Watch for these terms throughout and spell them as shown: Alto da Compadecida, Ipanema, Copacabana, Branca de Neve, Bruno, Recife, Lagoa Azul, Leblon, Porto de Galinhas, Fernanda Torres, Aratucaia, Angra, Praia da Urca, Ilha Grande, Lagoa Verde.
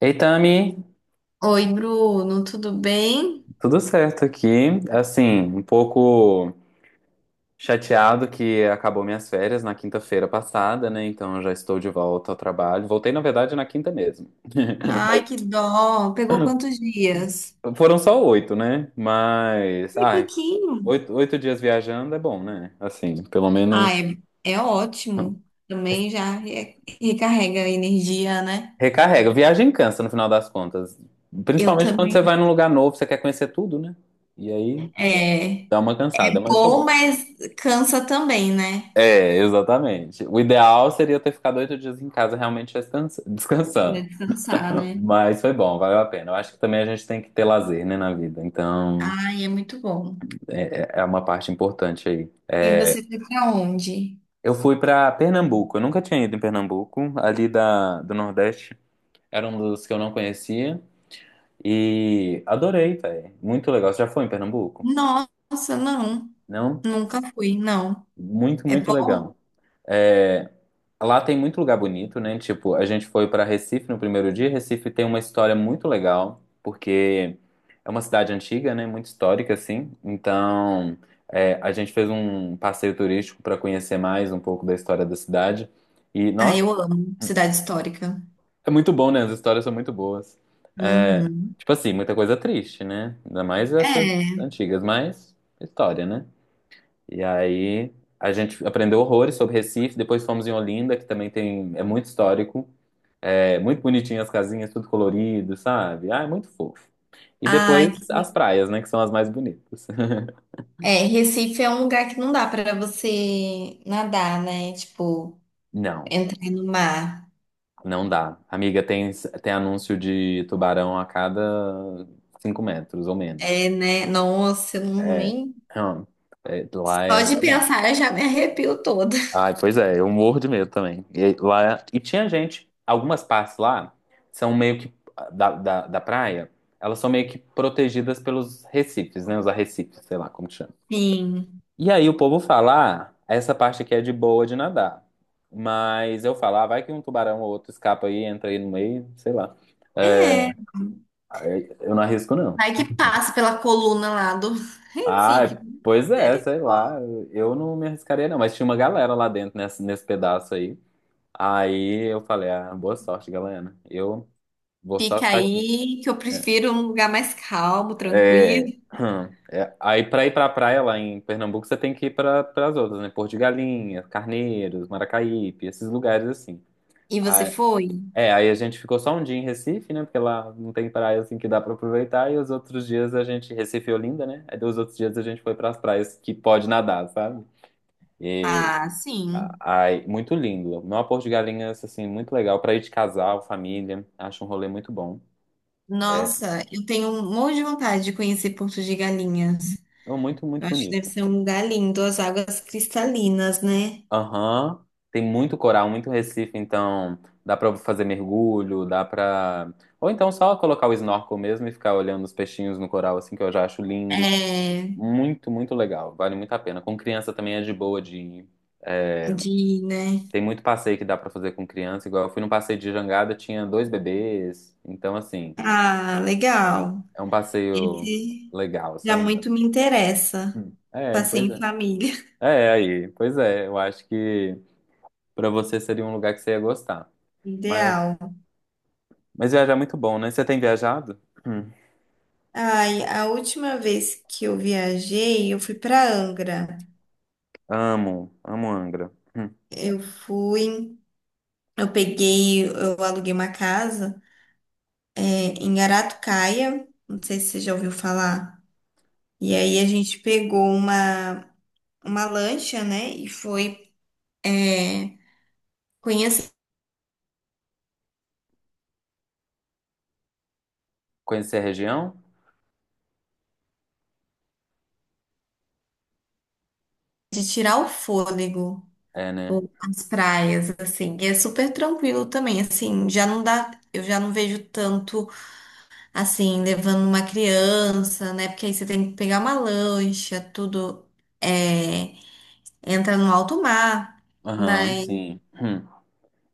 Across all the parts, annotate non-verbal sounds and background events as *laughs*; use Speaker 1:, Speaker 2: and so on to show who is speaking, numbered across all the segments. Speaker 1: Ei, Tami,
Speaker 2: Oi, Bruno, tudo bem?
Speaker 1: tudo certo aqui? Assim, um pouco chateado que acabou minhas férias na quinta-feira passada, né? Então eu já estou de volta ao trabalho. Voltei, na verdade, na quinta mesmo. *laughs* Mas
Speaker 2: Ai, que dó. Pegou quantos dias?
Speaker 1: foram só oito, né? Mas,
Speaker 2: E
Speaker 1: ai,
Speaker 2: pouquinho.
Speaker 1: oito dias viajando é bom, né? Assim, pelo
Speaker 2: Ah,
Speaker 1: menos
Speaker 2: é, é ótimo.
Speaker 1: *laughs*
Speaker 2: Também já recarrega a energia, né?
Speaker 1: recarrega. Viagem cansa no final das contas.
Speaker 2: Eu
Speaker 1: Principalmente quando
Speaker 2: também.
Speaker 1: você vai num lugar novo, você quer conhecer tudo, né? E aí
Speaker 2: É
Speaker 1: dá uma cansada, mas foi
Speaker 2: bom,
Speaker 1: bom.
Speaker 2: mas cansa também, né?
Speaker 1: É, exatamente. O ideal seria eu ter ficado 8 dias em casa realmente
Speaker 2: Pra
Speaker 1: descansando.
Speaker 2: descansar, né?
Speaker 1: Mas foi bom, valeu a pena. Eu acho que também a gente tem que ter lazer, né, na vida. Então,
Speaker 2: Ai, é muito bom.
Speaker 1: é uma parte importante aí.
Speaker 2: E você foi pra onde?
Speaker 1: Eu fui pra Pernambuco. Eu nunca tinha ido em Pernambuco, ali do Nordeste. Era um dos que eu não conhecia. E adorei, velho. Muito legal. Você já foi em Pernambuco?
Speaker 2: Nossa, não.
Speaker 1: Não?
Speaker 2: Nunca fui, não.
Speaker 1: Muito,
Speaker 2: É
Speaker 1: muito
Speaker 2: bom?
Speaker 1: legal. É, lá tem muito lugar bonito, né? Tipo, a gente foi para Recife no primeiro dia. Recife tem uma história muito legal, porque é uma cidade antiga, né? Muito histórica, assim. Então, é, a gente fez um passeio turístico para conhecer mais um pouco da história da cidade. E,
Speaker 2: Ah,
Speaker 1: nossa,
Speaker 2: eu amo. Cidade histórica.
Speaker 1: é muito bom, né? As histórias são muito boas.
Speaker 2: Uhum.
Speaker 1: Tipo assim, muita coisa triste, né? Ainda mais essas
Speaker 2: É.
Speaker 1: antigas, mas história, né? E aí, a gente aprendeu horrores sobre Recife. Depois fomos em Olinda, que também tem, é muito histórico. É muito bonitinho as casinhas, tudo colorido, sabe? Ah, é muito fofo. E
Speaker 2: Ai,
Speaker 1: depois as praias, né? Que são as mais bonitas. *laughs*
Speaker 2: é, Recife é um lugar que não dá pra você nadar, né? Tipo,
Speaker 1: Não,
Speaker 2: entrar no mar.
Speaker 1: não dá. Amiga, tem anúncio de tubarão a cada 5 metros ou menos.
Speaker 2: É, né? Nossa, eu não-
Speaker 1: É,
Speaker 2: nem.
Speaker 1: hum, é, lá é
Speaker 2: Só de
Speaker 1: babado.
Speaker 2: pensar eu já me arrepio toda.
Speaker 1: Ai, pois é, eu morro de medo também. E, lá, é, e tinha gente, algumas partes lá são meio que da praia, elas são meio que protegidas pelos recifes, né? Os arrecifes, sei lá como que chama.
Speaker 2: Sim.
Speaker 1: E aí o povo fala, ah, essa parte aqui é de boa de nadar. Mas eu falo, ah, vai que um tubarão ou outro escapa aí, entra aí no meio, sei lá. É,
Speaker 2: É.
Speaker 1: eu não arrisco, não.
Speaker 2: Vai que passa pela coluna lá do *laughs* Recife.
Speaker 1: Ah, pois é, sei lá.
Speaker 2: Misericórdia.
Speaker 1: Eu não me arriscaria, não. Mas tinha uma galera lá dentro nesse pedaço aí. Aí eu falei, ah, boa sorte, galera. Eu vou só
Speaker 2: Fica
Speaker 1: ficar aqui.
Speaker 2: aí que eu prefiro um lugar mais calmo, tranquilo.
Speaker 1: É, *clears throat* é, aí pra ir pra praia lá em Pernambuco, você tem que ir para as outras, né? Porto de Galinhas, Carneiros, Maracaípe, esses lugares assim.
Speaker 2: E você foi?
Speaker 1: É, aí a gente ficou só um dia em Recife, né? Porque lá não tem praia assim que dá pra aproveitar. E os outros dias a gente, Recife e Olinda, né? Aí os outros dias a gente foi pras praias que pode nadar, sabe? E
Speaker 2: Ah,
Speaker 1: a-
Speaker 2: sim.
Speaker 1: aí, muito lindo. Uma Porto de Galinhas, assim, muito legal pra ir de casal, família. Acho um rolê muito bom.
Speaker 2: Nossa, eu tenho um monte de vontade de conhecer Porto de Galinhas.
Speaker 1: É muito, muito
Speaker 2: Eu acho que deve
Speaker 1: bonito.
Speaker 2: ser um lugar lindo, as águas cristalinas, né?
Speaker 1: Aham. Tem muito coral, muito Recife, então dá pra fazer mergulho, dá pra. Ou então só colocar o snorkel mesmo e ficar olhando os peixinhos no coral, assim, que eu já acho lindo.
Speaker 2: É,
Speaker 1: Muito, muito legal. Vale muito a pena. Com criança também é de boa de ir.
Speaker 2: de, né?
Speaker 1: Tem muito passeio que dá pra fazer com criança. Igual eu fui num passeio de jangada, tinha dois bebês. Então, assim,
Speaker 2: Ah, legal.
Speaker 1: é um passeio
Speaker 2: Esse
Speaker 1: legal,
Speaker 2: já
Speaker 1: sabe?
Speaker 2: muito me interessa.
Speaker 1: Hum.
Speaker 2: O
Speaker 1: É,
Speaker 2: passeio
Speaker 1: pois
Speaker 2: em
Speaker 1: é.
Speaker 2: família,
Speaker 1: É, aí, pois é. Eu acho que pra você seria um lugar que você ia gostar.
Speaker 2: *laughs*
Speaker 1: Mas,
Speaker 2: ideal.
Speaker 1: mas viajar é muito bom, né? Você tem viajado? Hum.
Speaker 2: Ai, a última vez que eu viajei, eu fui para Angra.
Speaker 1: Amo, amo Angra. Hum.
Speaker 2: Eu fui, eu aluguei uma casa, é, em Aratucaia, não sei se você já ouviu falar. E aí a gente pegou uma lancha, né? E foi, é, conheço
Speaker 1: Conhecer a região?
Speaker 2: de tirar o fôlego,
Speaker 1: É, né?
Speaker 2: as praias, assim, e é super tranquilo também, assim, já não dá, eu já não vejo tanto, assim, levando uma criança, né, porque aí você tem que pegar uma lancha, tudo, é, entra no alto mar,
Speaker 1: Aham,
Speaker 2: mas
Speaker 1: sim. Hum.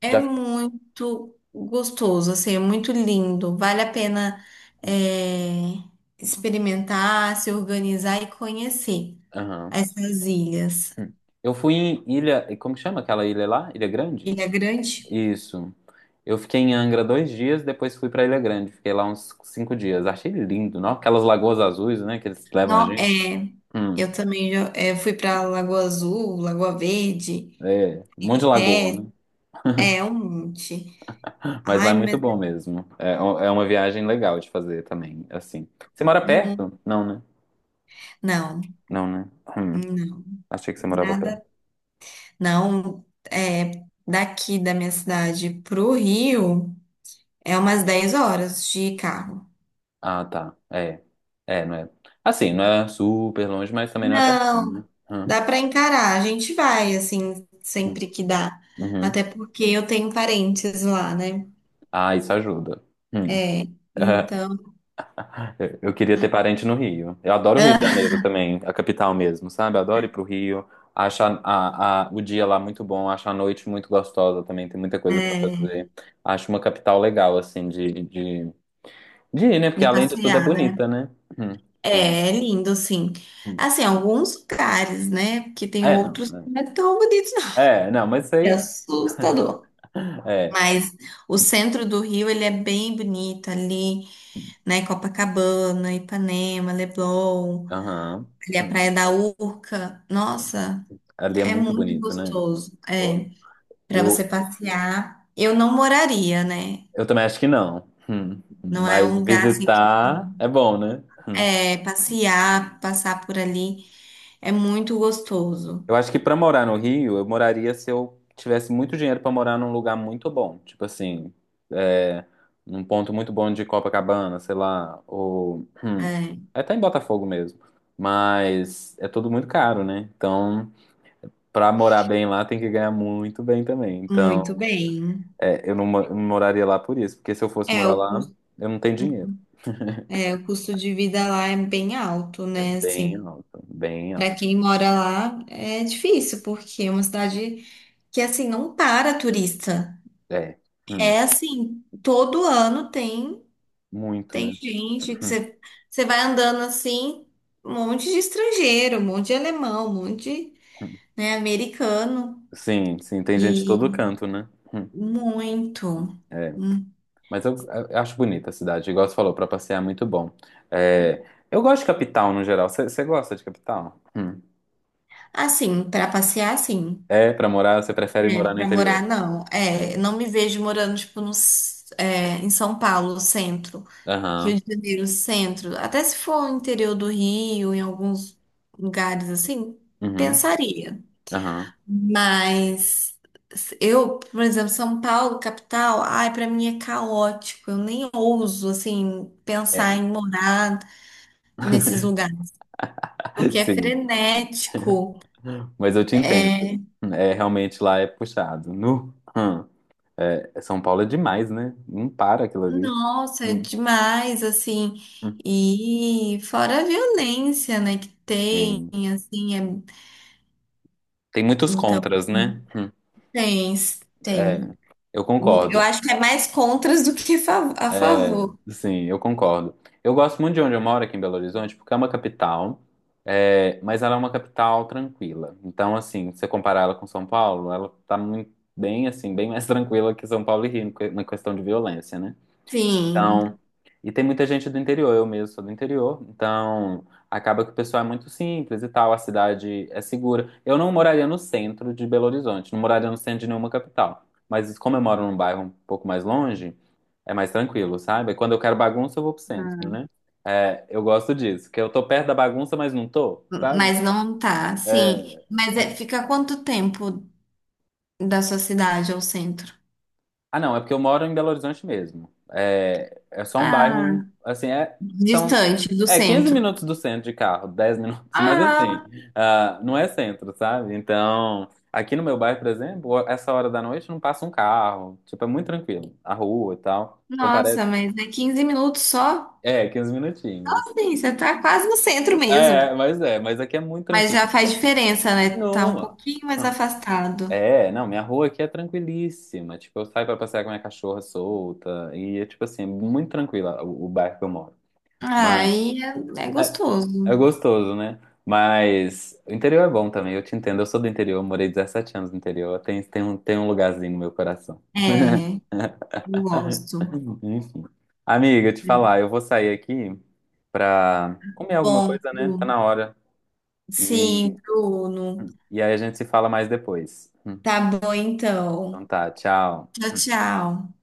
Speaker 2: é
Speaker 1: Já.
Speaker 2: muito gostoso, assim, é muito lindo, vale a pena,
Speaker 1: Hum.
Speaker 2: é, experimentar, se organizar e conhecer
Speaker 1: Aham.
Speaker 2: essas ilhas.
Speaker 1: Hum. Eu fui em Ilha, e como que chama aquela ilha lá? Ilha Grande?
Speaker 2: Ilha Grande.
Speaker 1: Isso. Eu fiquei em Angra 2 dias, depois fui pra Ilha Grande. Fiquei lá uns 5 dias. Achei lindo, não? Aquelas lagoas azuis, né, que eles levam a
Speaker 2: Não,
Speaker 1: gente.
Speaker 2: é,
Speaker 1: Hum,
Speaker 2: eu também já, fui pra Lagoa Azul, Lagoa Verde,
Speaker 1: é, um monte de lagoa,
Speaker 2: é,
Speaker 1: né?
Speaker 2: é um monte.
Speaker 1: Mas lá
Speaker 2: Ai,
Speaker 1: é muito
Speaker 2: mas
Speaker 1: bom mesmo. É, é uma viagem legal de fazer também, assim. Você mora
Speaker 2: hum,
Speaker 1: perto? Não, né?
Speaker 2: não,
Speaker 1: Não, né? Hum,
Speaker 2: não,
Speaker 1: achei que você morava perto.
Speaker 2: nada, não, é, daqui da minha cidade pro Rio é umas 10 horas de carro.
Speaker 1: Ah, tá. É. É, não é. Assim, não é super longe, mas também não é pertinho,
Speaker 2: Não,
Speaker 1: né? Hum.
Speaker 2: dá pra encarar, a gente vai assim
Speaker 1: Hum,
Speaker 2: sempre que dá, até
Speaker 1: uhum.
Speaker 2: porque eu tenho parentes lá, né?
Speaker 1: Ah, isso ajuda. Hum.
Speaker 2: É,
Speaker 1: *laughs*
Speaker 2: então,
Speaker 1: Eu queria ter parente no Rio. Eu adoro o Rio de
Speaker 2: *laughs*
Speaker 1: Janeiro também, a capital mesmo, sabe? Eu adoro ir pro Rio. Acho o dia lá muito bom, acho a noite muito gostosa também, tem muita coisa pra
Speaker 2: é,
Speaker 1: fazer. Acho uma capital legal, assim, de ir, né? Porque
Speaker 2: de
Speaker 1: além de tudo é
Speaker 2: passear.
Speaker 1: bonita, né? Hum. Tipo,
Speaker 2: É, é lindo, sim.
Speaker 1: hum.
Speaker 2: Assim, alguns lugares, né? Porque tem
Speaker 1: É,
Speaker 2: outros que
Speaker 1: não.
Speaker 2: não é tão bonitos, não. *laughs*
Speaker 1: É, é, não, mas isso
Speaker 2: É
Speaker 1: aí.
Speaker 2: assustador.
Speaker 1: É.
Speaker 2: Mas o centro do Rio, ele é bem bonito ali, né? Copacabana, Ipanema, Leblon,
Speaker 1: Aham.
Speaker 2: ali a
Speaker 1: Hum,
Speaker 2: Praia da Urca.
Speaker 1: sim.
Speaker 2: Nossa,
Speaker 1: Ali é
Speaker 2: é
Speaker 1: muito
Speaker 2: muito
Speaker 1: bonito, né?
Speaker 2: gostoso.
Speaker 1: Ó,
Speaker 2: É, para você
Speaker 1: Eu,
Speaker 2: passear. Eu não moraria, né?
Speaker 1: Eu também acho que não. Hum.
Speaker 2: Não é um
Speaker 1: Mas
Speaker 2: lugar assim que
Speaker 1: visitar é bom, né? Hum.
Speaker 2: é passear, passar por ali é muito gostoso.
Speaker 1: Eu acho que pra morar no Rio, eu moraria se eu tivesse muito dinheiro pra morar num lugar muito bom. Tipo assim, é, num ponto muito bom de Copacabana, sei lá, ou
Speaker 2: É.
Speaker 1: até em Botafogo mesmo. Mas é tudo muito caro, né? Então, pra morar bem lá, tem que ganhar muito bem também.
Speaker 2: Muito
Speaker 1: Então,
Speaker 2: bem.
Speaker 1: é, eu não moraria lá por isso, porque se eu fosse
Speaker 2: É,
Speaker 1: morar lá, eu não tenho dinheiro.
Speaker 2: é, o custo de vida lá é bem alto,
Speaker 1: É
Speaker 2: né?
Speaker 1: bem
Speaker 2: Assim,
Speaker 1: alto, bem
Speaker 2: para
Speaker 1: alto.
Speaker 2: quem mora lá é difícil, porque é uma cidade que, assim, não para turista.
Speaker 1: É. Hum.
Speaker 2: É assim, todo ano tem,
Speaker 1: Muito,
Speaker 2: tem
Speaker 1: né?
Speaker 2: gente, que
Speaker 1: *laughs*
Speaker 2: você, você vai andando assim, um monte de estrangeiro, um monte de alemão, um monte de, né, americano.
Speaker 1: Sim, sim, tem gente de todo
Speaker 2: E
Speaker 1: canto, né? *laughs*
Speaker 2: muito.
Speaker 1: É,
Speaker 2: Hum.
Speaker 1: mas eu acho bonita a cidade, igual você falou, pra passear é muito bom. É, eu gosto de capital no geral. Você gosta de capital? Hum.
Speaker 2: Assim, para passear, sim.
Speaker 1: É, pra morar, você prefere
Speaker 2: É,
Speaker 1: morar no
Speaker 2: para morar,
Speaker 1: interior?
Speaker 2: não. É, não me vejo morando, tipo, no, s- é, em São Paulo, centro.
Speaker 1: Aham,
Speaker 2: Rio de Janeiro, centro. Até se for no interior do Rio, em alguns lugares assim,
Speaker 1: uhum,
Speaker 2: pensaria.
Speaker 1: aham.
Speaker 2: Mas eu, por exemplo, São Paulo, capital, ai, para mim é caótico. Eu nem ouso, assim,
Speaker 1: É.
Speaker 2: pensar em morar nesses
Speaker 1: *laughs*
Speaker 2: lugares. Porque é
Speaker 1: Sim,
Speaker 2: frenético.
Speaker 1: mas eu te entendo.
Speaker 2: É,
Speaker 1: É, realmente lá é puxado. Nu. Hum. É, São Paulo é demais, né? Não para aquilo ali.
Speaker 2: nossa, é
Speaker 1: Hum,
Speaker 2: demais, assim.
Speaker 1: hum.
Speaker 2: E fora a violência, né, que tem,
Speaker 1: Sim.
Speaker 2: assim, é...
Speaker 1: Tem muitos
Speaker 2: Então,
Speaker 1: contras, né? Hum.
Speaker 2: tem,
Speaker 1: É.
Speaker 2: tem.
Speaker 1: Eu
Speaker 2: Eu
Speaker 1: concordo.
Speaker 2: acho que é mais contras do que a favor.
Speaker 1: Sim, eu concordo. Eu gosto muito de onde eu moro aqui em Belo Horizonte, porque é uma capital, é, mas ela é uma capital tranquila. Então, assim, se você comparar ela com São Paulo, ela tá muito bem, assim, bem mais *laughs* tranquila que São Paulo e Rio na questão de violência, né?
Speaker 2: Sim,
Speaker 1: Então, e tem muita gente do interior, eu mesmo sou do interior, então acaba que o pessoal é muito simples e tal, a cidade é segura. Eu não moraria no centro de Belo Horizonte, não moraria no centro de nenhuma capital, mas como eu moro num bairro um pouco mais longe, é mais tranquilo, sabe? Quando eu quero bagunça, eu vou pro centro, né? É, eu gosto disso, que eu tô perto da bagunça, mas não tô, sabe?
Speaker 2: mas não tá, sim.
Speaker 1: É.
Speaker 2: Mas fica quanto tempo da sua cidade ao centro?
Speaker 1: Ah, não, é porque eu moro em Belo Horizonte mesmo. É, é só um
Speaker 2: Ah,
Speaker 1: bairro, assim, é, são
Speaker 2: distante do
Speaker 1: é 15
Speaker 2: centro.
Speaker 1: minutos do centro de carro, *laughs* 10 minutos, mas
Speaker 2: Ah,
Speaker 1: assim, ah, não é centro, sabe? Então, aqui no meu bairro, por exemplo, essa hora da noite não passa um carro, tipo, é muito tranquilo, a rua e tal. Então parece,
Speaker 2: nossa, mas é 15 minutos só?
Speaker 1: é, 15 minutinhos.
Speaker 2: Assim, você tá quase no centro mesmo.
Speaker 1: É, mas aqui é muito
Speaker 2: Mas já
Speaker 1: tranquilo.
Speaker 2: faz diferença, né? Tá um
Speaker 1: Não.
Speaker 2: pouquinho mais afastado.
Speaker 1: É, não, minha rua aqui é tranquilíssima. Tipo, eu saio pra passear com minha cachorra solta e é tipo assim, é muito tranquila o bairro que eu moro. Mas
Speaker 2: Aí é, é
Speaker 1: é,
Speaker 2: gostoso.
Speaker 1: é gostoso, né? Mas o interior é bom também, eu te entendo. Eu sou do interior, eu morei 17 anos no interior. Tem um lugarzinho no meu coração.
Speaker 2: É,
Speaker 1: *laughs*
Speaker 2: eu gosto.
Speaker 1: Enfim. Amiga, te falar, eu vou sair aqui pra comer alguma
Speaker 2: Bom,
Speaker 1: coisa, né? Tá
Speaker 2: Bruno.
Speaker 1: na hora.
Speaker 2: Sim,
Speaker 1: E,
Speaker 2: Bruno.
Speaker 1: e aí a gente se fala mais depois. Hum.
Speaker 2: Tá bom
Speaker 1: Então
Speaker 2: então.
Speaker 1: tá, tchau.
Speaker 2: Tchau, tchau.